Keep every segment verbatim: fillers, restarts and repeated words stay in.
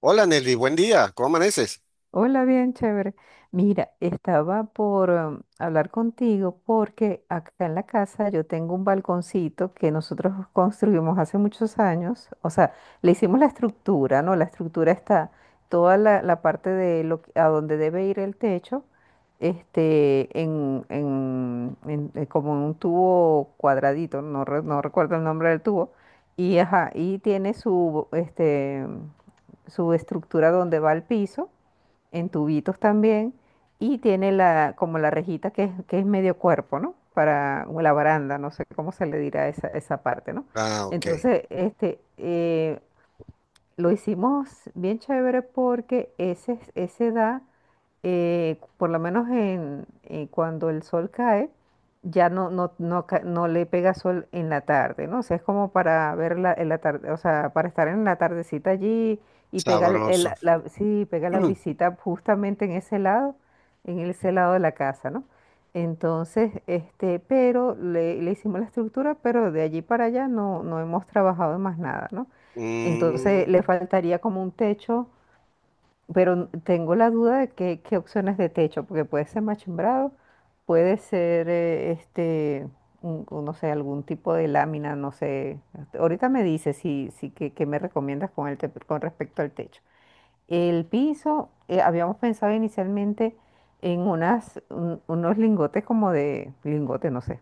Hola Nelly, buen día, ¿cómo amaneces? Hola, bien chévere. Mira, estaba por um, hablar contigo porque acá en la casa yo tengo un balconcito que nosotros construimos hace muchos años. O sea, le hicimos la estructura, ¿no? La estructura está toda la, la parte de lo que- a donde debe ir el techo, este, en, en- en- eh, como en un tubo cuadradito, no, re- no recuerdo el nombre del tubo. Y, ajá, y tiene su, este, su estructura donde va el piso en tubitos también, y tiene la, como la rejita que es, que es medio cuerpo, ¿no? Para o la baranda, no sé cómo se le dirá esa, esa parte, ¿no? Ah, ok, Entonces, este, eh, lo hicimos bien chévere porque ese, ese da, eh, por lo menos en, eh, cuando el sol cae, ya no, no, no, ca- no le pega sol en la tarde, ¿no? O sea, es como para ver la, en la tarde, o sea, para estar en la tardecita allí y pegar el, el- sabroso. la, sí, pega la Mm. brisita justamente en ese lado, en ese lado de la casa, ¿no? Entonces, este, pero le, le hicimos la estructura, pero de allí para allá no, no hemos trabajado en más nada, ¿no? Entonces Mm. le faltaría como un techo, pero tengo la duda de qué, qué opciones de techo, porque puede ser machimbrado, puede ser eh, este, un- un, no sé, algún tipo de lámina, no sé. Ahorita me dice si, si qué, qué me recomiendas con el te- con respecto al techo. El piso, eh, habíamos pensado inicialmente en unas, un- unos lingotes como de, lingotes, no sé,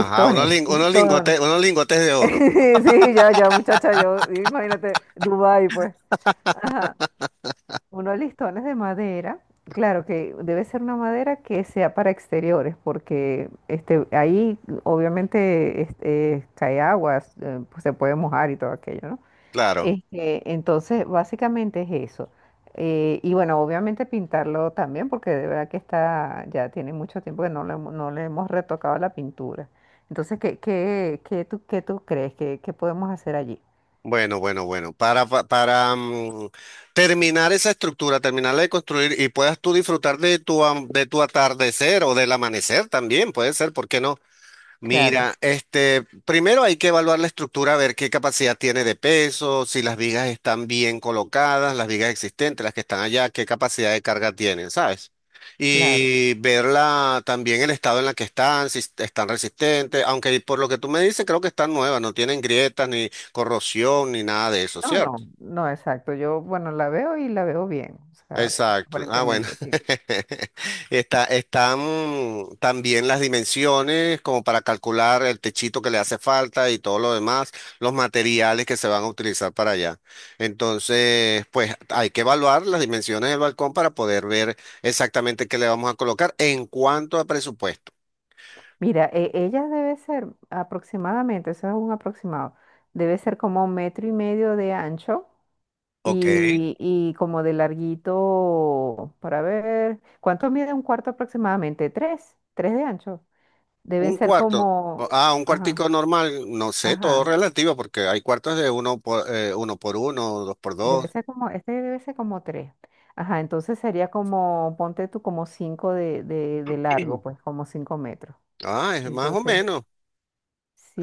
Ajá, unos, lin- unos listones. lingotes, unos lingotes de oro, Sí, ya, ya, muchacha, yo, imagínate, Dubái, pues. Ajá. Unos listones de madera, claro que debe ser una madera que sea para exteriores, porque este, ahí obviamente este, cae agua, eh, pues se puede mojar y todo aquello, ¿no? claro. Este, entonces, básicamente es eso. Eh, y bueno, obviamente pintarlo también, porque de verdad que está, ya tiene mucho tiempo que no le, hemos- no le hemos retocado la pintura. Entonces, ¿qué, qué, qué tú, qué tú crees que, que podemos hacer allí? Bueno, bueno, bueno, para, pa- para, mm, terminar esa estructura, terminarla de construir y puedas tú disfrutar de tu, am- de tu atardecer o del amanecer también, puede ser, ¿por qué no? Claro, Mira, este, primero hay que evaluar la estructura, ver qué capacidad tiene de peso, si las vigas están bien colocadas, las vigas existentes, las que están allá, qué capacidad de carga tienen, ¿sabes? claro. Y ver la- también el estado en la que están, si est- están resistentes, aunque por lo que tú me dices, creo que están nuevas, no tienen grietas, ni corrosión, ni nada de eso, No, ¿cierto? no, no, exacto. Yo, bueno, la veo y la veo bien. O sea, Exacto. Ah, bueno. aparentemente, sí. Está, están también las dimensiones como para calcular el techito que le hace falta y todo lo demás, los materiales que se van a utilizar para allá. Entonces, pues hay que evaluar las dimensiones del balcón para poder ver exactamente qué le vamos a colocar en cuanto a presupuesto. Mira, e- ella debe ser aproximadamente, eso es un aproximado, debe ser como un metro y medio de ancho Ok. y, y como de larguito, para ver, ¿cuánto mide un cuarto aproximadamente? Tres, tres de ancho. Deben Un ser cuarto. o- como, Ah, un ajá, cuartico normal, no sé, todo ajá. relativo, porque hay cuartos de uno por, eh, uno por uno, dos por dos. Debe ser como, este debe ser como tres. Ajá, entonces sería como, ponte tú como cinco de, de, de largo, pues como cinco metros. Ah, es más o Entonces, menos.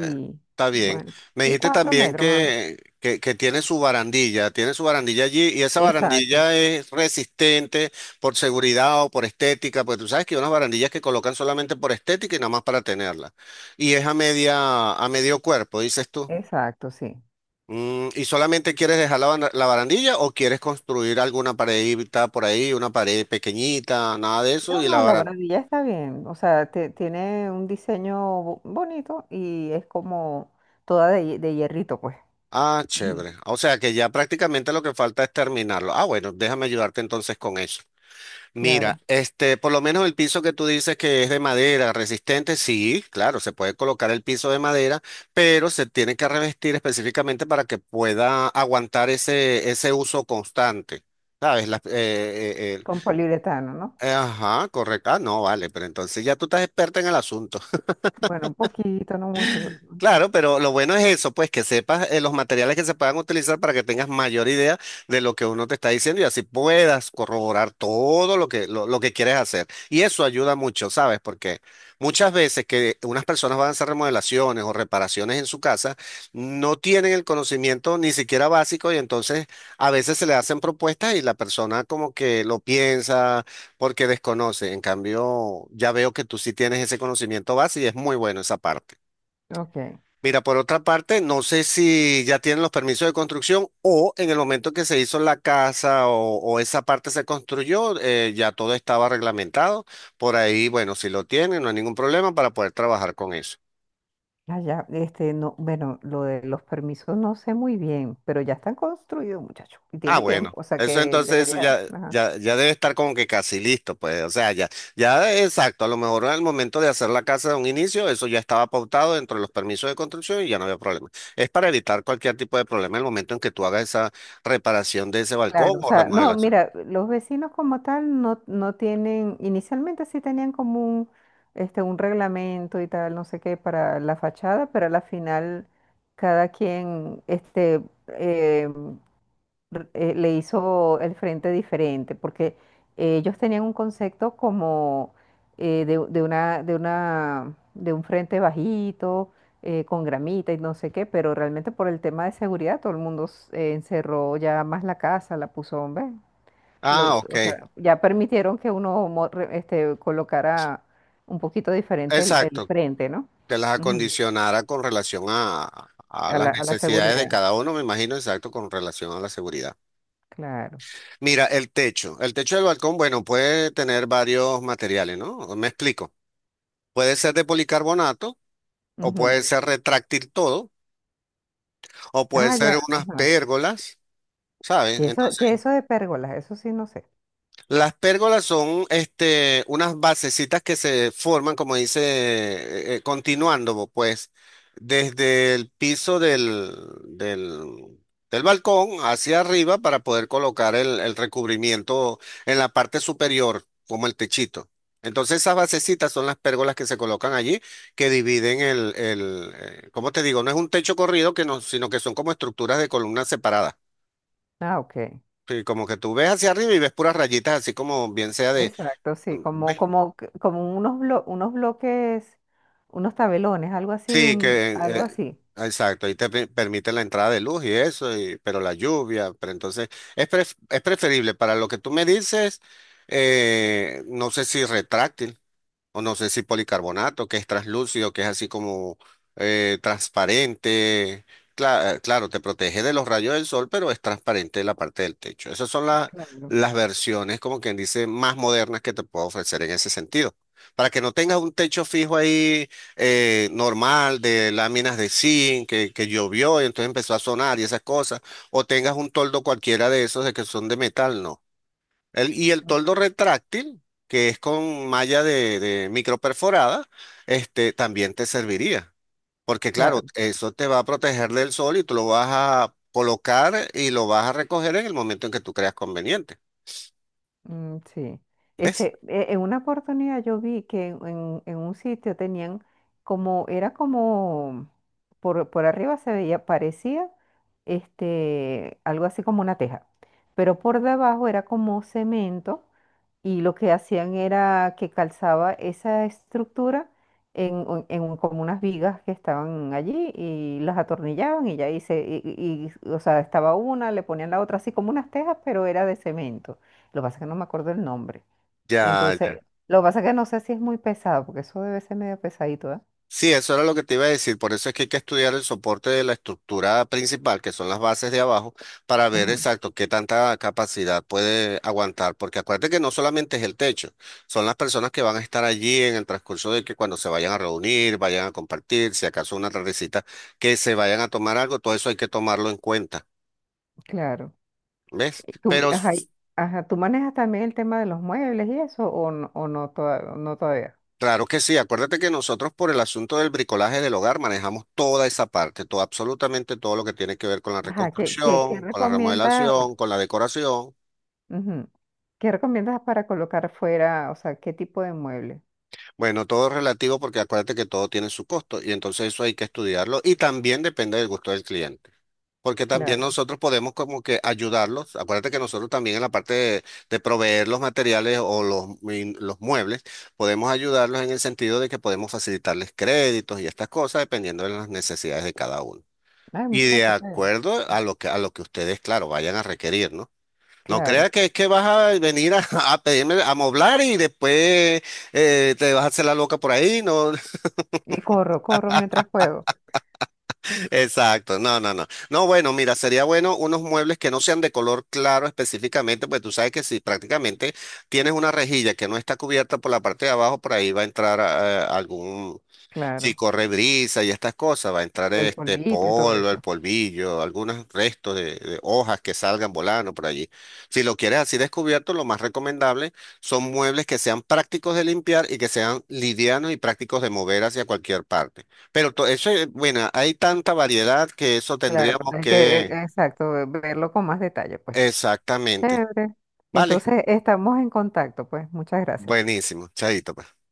Eh, Está bien. bueno, Me sí, dijiste cuatro también metros más o menos. que, que, que tiene su barandilla, tiene su barandilla allí y esa Exacto, barandilla es resistente por seguridad o por estética, porque tú sabes que hay unas barandillas que colocan solamente por estética y nada más para tenerla. Y es a media, a medio cuerpo, dices tú. exacto, sí. Mm, ¿y solamente quieres dejar la, bana- la barandilla o quieres construir alguna paredita por ahí, una pared pequeñita, nada de eso No, y la no, la barandilla? barandilla está bien. O sea, te- tiene un diseño bo- bonito y es como toda de, hie- de hierrito, pues. Ah, Ujú, chévere. O sea que ya prácticamente lo que falta es terminarlo. Ah, bueno, déjame ayudarte entonces con eso. Mira, claro, este, por lo menos el piso que tú dices que es de madera resistente, sí, claro, se puede colocar el piso de madera, pero se tiene que revestir específicamente para que pueda aguantar ese, ese uso constante. ¿Sabes? Las- eh, eh, eh, con poliuretano, ¿no? el- ajá, correcto. Ah, no, vale, pero entonces ya tú estás experta en el asunto. Bueno, un poquito, no mucho, pero... Claro, pero lo bueno es eso, pues que sepas eh, los materiales que se puedan utilizar para que tengas mayor idea de lo que uno te está diciendo y así puedas corroborar todo lo que, lo, lo que quieres hacer. Y eso ayuda mucho, ¿sabes? Porque muchas veces que unas personas van a hacer remodelaciones o reparaciones en su casa, no tienen el conocimiento ni siquiera básico y entonces a veces se le hacen propuestas y la persona como que lo piensa porque desconoce. En cambio, ya veo que tú sí tienes ese conocimiento base y es muy bueno esa parte. Ok. Mira, por otra parte, no sé si ya tienen los permisos de construcción o en el momento que se hizo la casa o, o esa parte se construyó, eh, ya todo estaba reglamentado. Por ahí, bueno, si lo tienen, no hay ningún problema para poder trabajar con eso. Ah, ya, este, no, bueno, lo de los permisos no sé muy bien, pero ya están construidos, muchachos, y Ah, tiene bueno, tiempo, o sea eso que entonces eso debería, ya, ajá. ya, ya debe estar como que casi listo, pues, o sea, ya, ya exacto, a lo mejor al momento de hacer la casa de un inicio, eso ya estaba pautado dentro de los permisos de construcción y ya no había problema. Es para evitar cualquier tipo de problema en el momento en que tú hagas esa reparación de ese balcón Claro, o o sea, no, remodelación. mira, los vecinos como tal no, no tienen, inicialmente sí tenían como un, este, un reglamento y tal, no sé qué, para la fachada, pero a la final cada quien, este, em, r- eh, le hizo el frente diferente, porque eh, ellos tenían un concepto como eh, de, de una, de una, de un frente bajito, eh, con gramita y no sé qué, pero realmente por el tema de seguridad todo el mundo s- eh, encerró ya más la casa, la puso, ¿ves? Lo- Ah, ok, O sea, ya permitieron que uno mo- re- este, colocara un poquito diferente el, el exacto, frente, ¿no? que las Ujú. acondicionara con relación a, a A las la, a la necesidades de seguridad, cada uno, me imagino, exacto, con relación a la seguridad. claro. Mira, el techo. El techo del balcón, bueno, puede tener varios materiales, ¿no? Me explico. Puede ser de policarbonato, o Ujú. puede ser retráctil todo, o puede Ah, ser ya, unas ajá. pérgolas, ¿sabes? ¿Qué eso, qué eso de pérgolas? Eso sí, no sé. Las pérgolas son este, unas basecitas que se forman, como dice, eh, eh, continuando, pues, desde el piso del, del, del balcón hacia arriba para poder colocar el, el recubrimiento en la parte superior, como el techito. Entonces, esas basecitas son las pérgolas que se colocan allí, que dividen el, el eh, ¿cómo te digo? No es un techo corrido, que no, sino que son como estructuras de columnas separadas. Ah, ok. Sí, como que tú ves hacia arriba y ves puras rayitas, así como bien sea. Ve. Exacto, sí, como, como, que- como unos, blo- unos bloques, unos tabelones, algo así, Sí, un, que algo eh, así. exacto, ahí te pe- permite la entrada de luz y eso, y- pero la lluvia, pero entonces es, pref- es preferible para lo que tú me dices, eh, no sé si retráctil. O no sé si policarbonato, que es translúcido, que es así como eh, transparente. Cla- eh, claro, te protege de los rayos del sol, pero es transparente la parte del techo. Esas son la- Claro. las versiones, como quien dice, más modernas que te puedo ofrecer en ese sentido. Para que no tengas un techo fijo ahí eh, normal de láminas de zinc que, que llovió y entonces empezó a sonar y esas cosas, o tengas un toldo cualquiera de esos de que son de metal, no. El- y el Mm, toldo retráctil, que es con malla de, de microperforada, este, también te serviría. Porque claro, claro. eso te va a proteger del sol y tú lo vas a colocar y lo vas a recoger en el momento en que tú creas conveniente. Mm, sí. ¿Ves? Este, e- en una oportunidad yo vi que en, en- en un sitio tenían como, era como, por, por arriba se veía, parecía este, algo así como una teja, pero por debajo era como cemento y lo que hacían era que calzaba esa estructura en, un- en un- como unas vigas que estaban allí y las atornillaban y ya hice, y, y- y, o sea, estaba una, le ponían la otra así como unas tejas, pero era de cemento. Lo que pasa es que no me acuerdo el nombre. Ya, ya. Entonces, lo que pasa es que no sé si es muy pesado, porque eso debe ser medio pesadito, ¿eh? Sí, eso era lo que te iba a decir. Por eso es que hay que estudiar el soporte de la estructura principal, que son las bases de abajo, para ver Ajá, exacto qué tanta capacidad puede aguantar. Porque acuérdate que no solamente es el techo, son las personas que van a estar allí en el transcurso de que cuando se vayan a reunir, vayan a compartir, si acaso una tardecita, que se vayan a tomar algo, todo eso hay que tomarlo en cuenta. claro. ¿Ves? Y tú, Pero sí. ajá, y... ajá, ¿tú manejas también el tema de los muebles y eso o no, o no, toda- no todavía? Claro que sí, acuérdate que nosotros por el asunto del bricolaje del hogar manejamos toda esa parte, todo, absolutamente todo lo que tiene que ver con la Ajá, ¿qué, qué, qué reconstrucción, con la recomiendas? remodelación, con la decoración. Ujú, ¿qué recomiendas para colocar fuera? O sea, ¿qué tipo de mueble? Bueno, todo es relativo porque acuérdate que todo tiene su costo y entonces eso hay que estudiarlo y también depende del gusto del cliente. Porque también Claro. nosotros podemos como que ayudarlos. Acuérdate que nosotros también en la parte de, de proveer los materiales o los, mui- los muebles, podemos ayudarlos en el sentido de que podemos facilitarles créditos y estas cosas dependiendo de las necesidades de cada uno. Ay, Y de muchacho, está... acuerdo a lo que, a lo que ustedes, claro, vayan a requerir, ¿no? No Claro. crea que es que vas a venir a, a pedirme a moblar y después eh, te vas a hacer la loca por ahí, ¿no? Y corro, corro mientras puedo. Exacto, no, no, no. No, bueno, mira, sería bueno unos muebles que no sean de color claro específicamente, pues tú sabes que si prácticamente tienes una rejilla que no está cubierta por la parte de abajo, por ahí va a entrar eh, algún, si Claro. corre brisa y estas cosas, va a entrar Y el este polvito y todo polvo, el eso. polvillo, algunos restos de, de hojas que salgan volando por allí. Si lo quieres así descubierto, lo más recomendable son muebles que sean prácticos de limpiar y que sean livianos y prácticos de mover hacia cualquier parte. Pero to- eso, es- bueno, hay tanta variedad que eso Claro. tendríamos Hay que, eh, que... exacto, verlo con más detalle, pues. Exactamente. Chévere. Vale, Entonces, estamos en contacto, pues. Muchas gracias. buenísimo. Chaito, pues.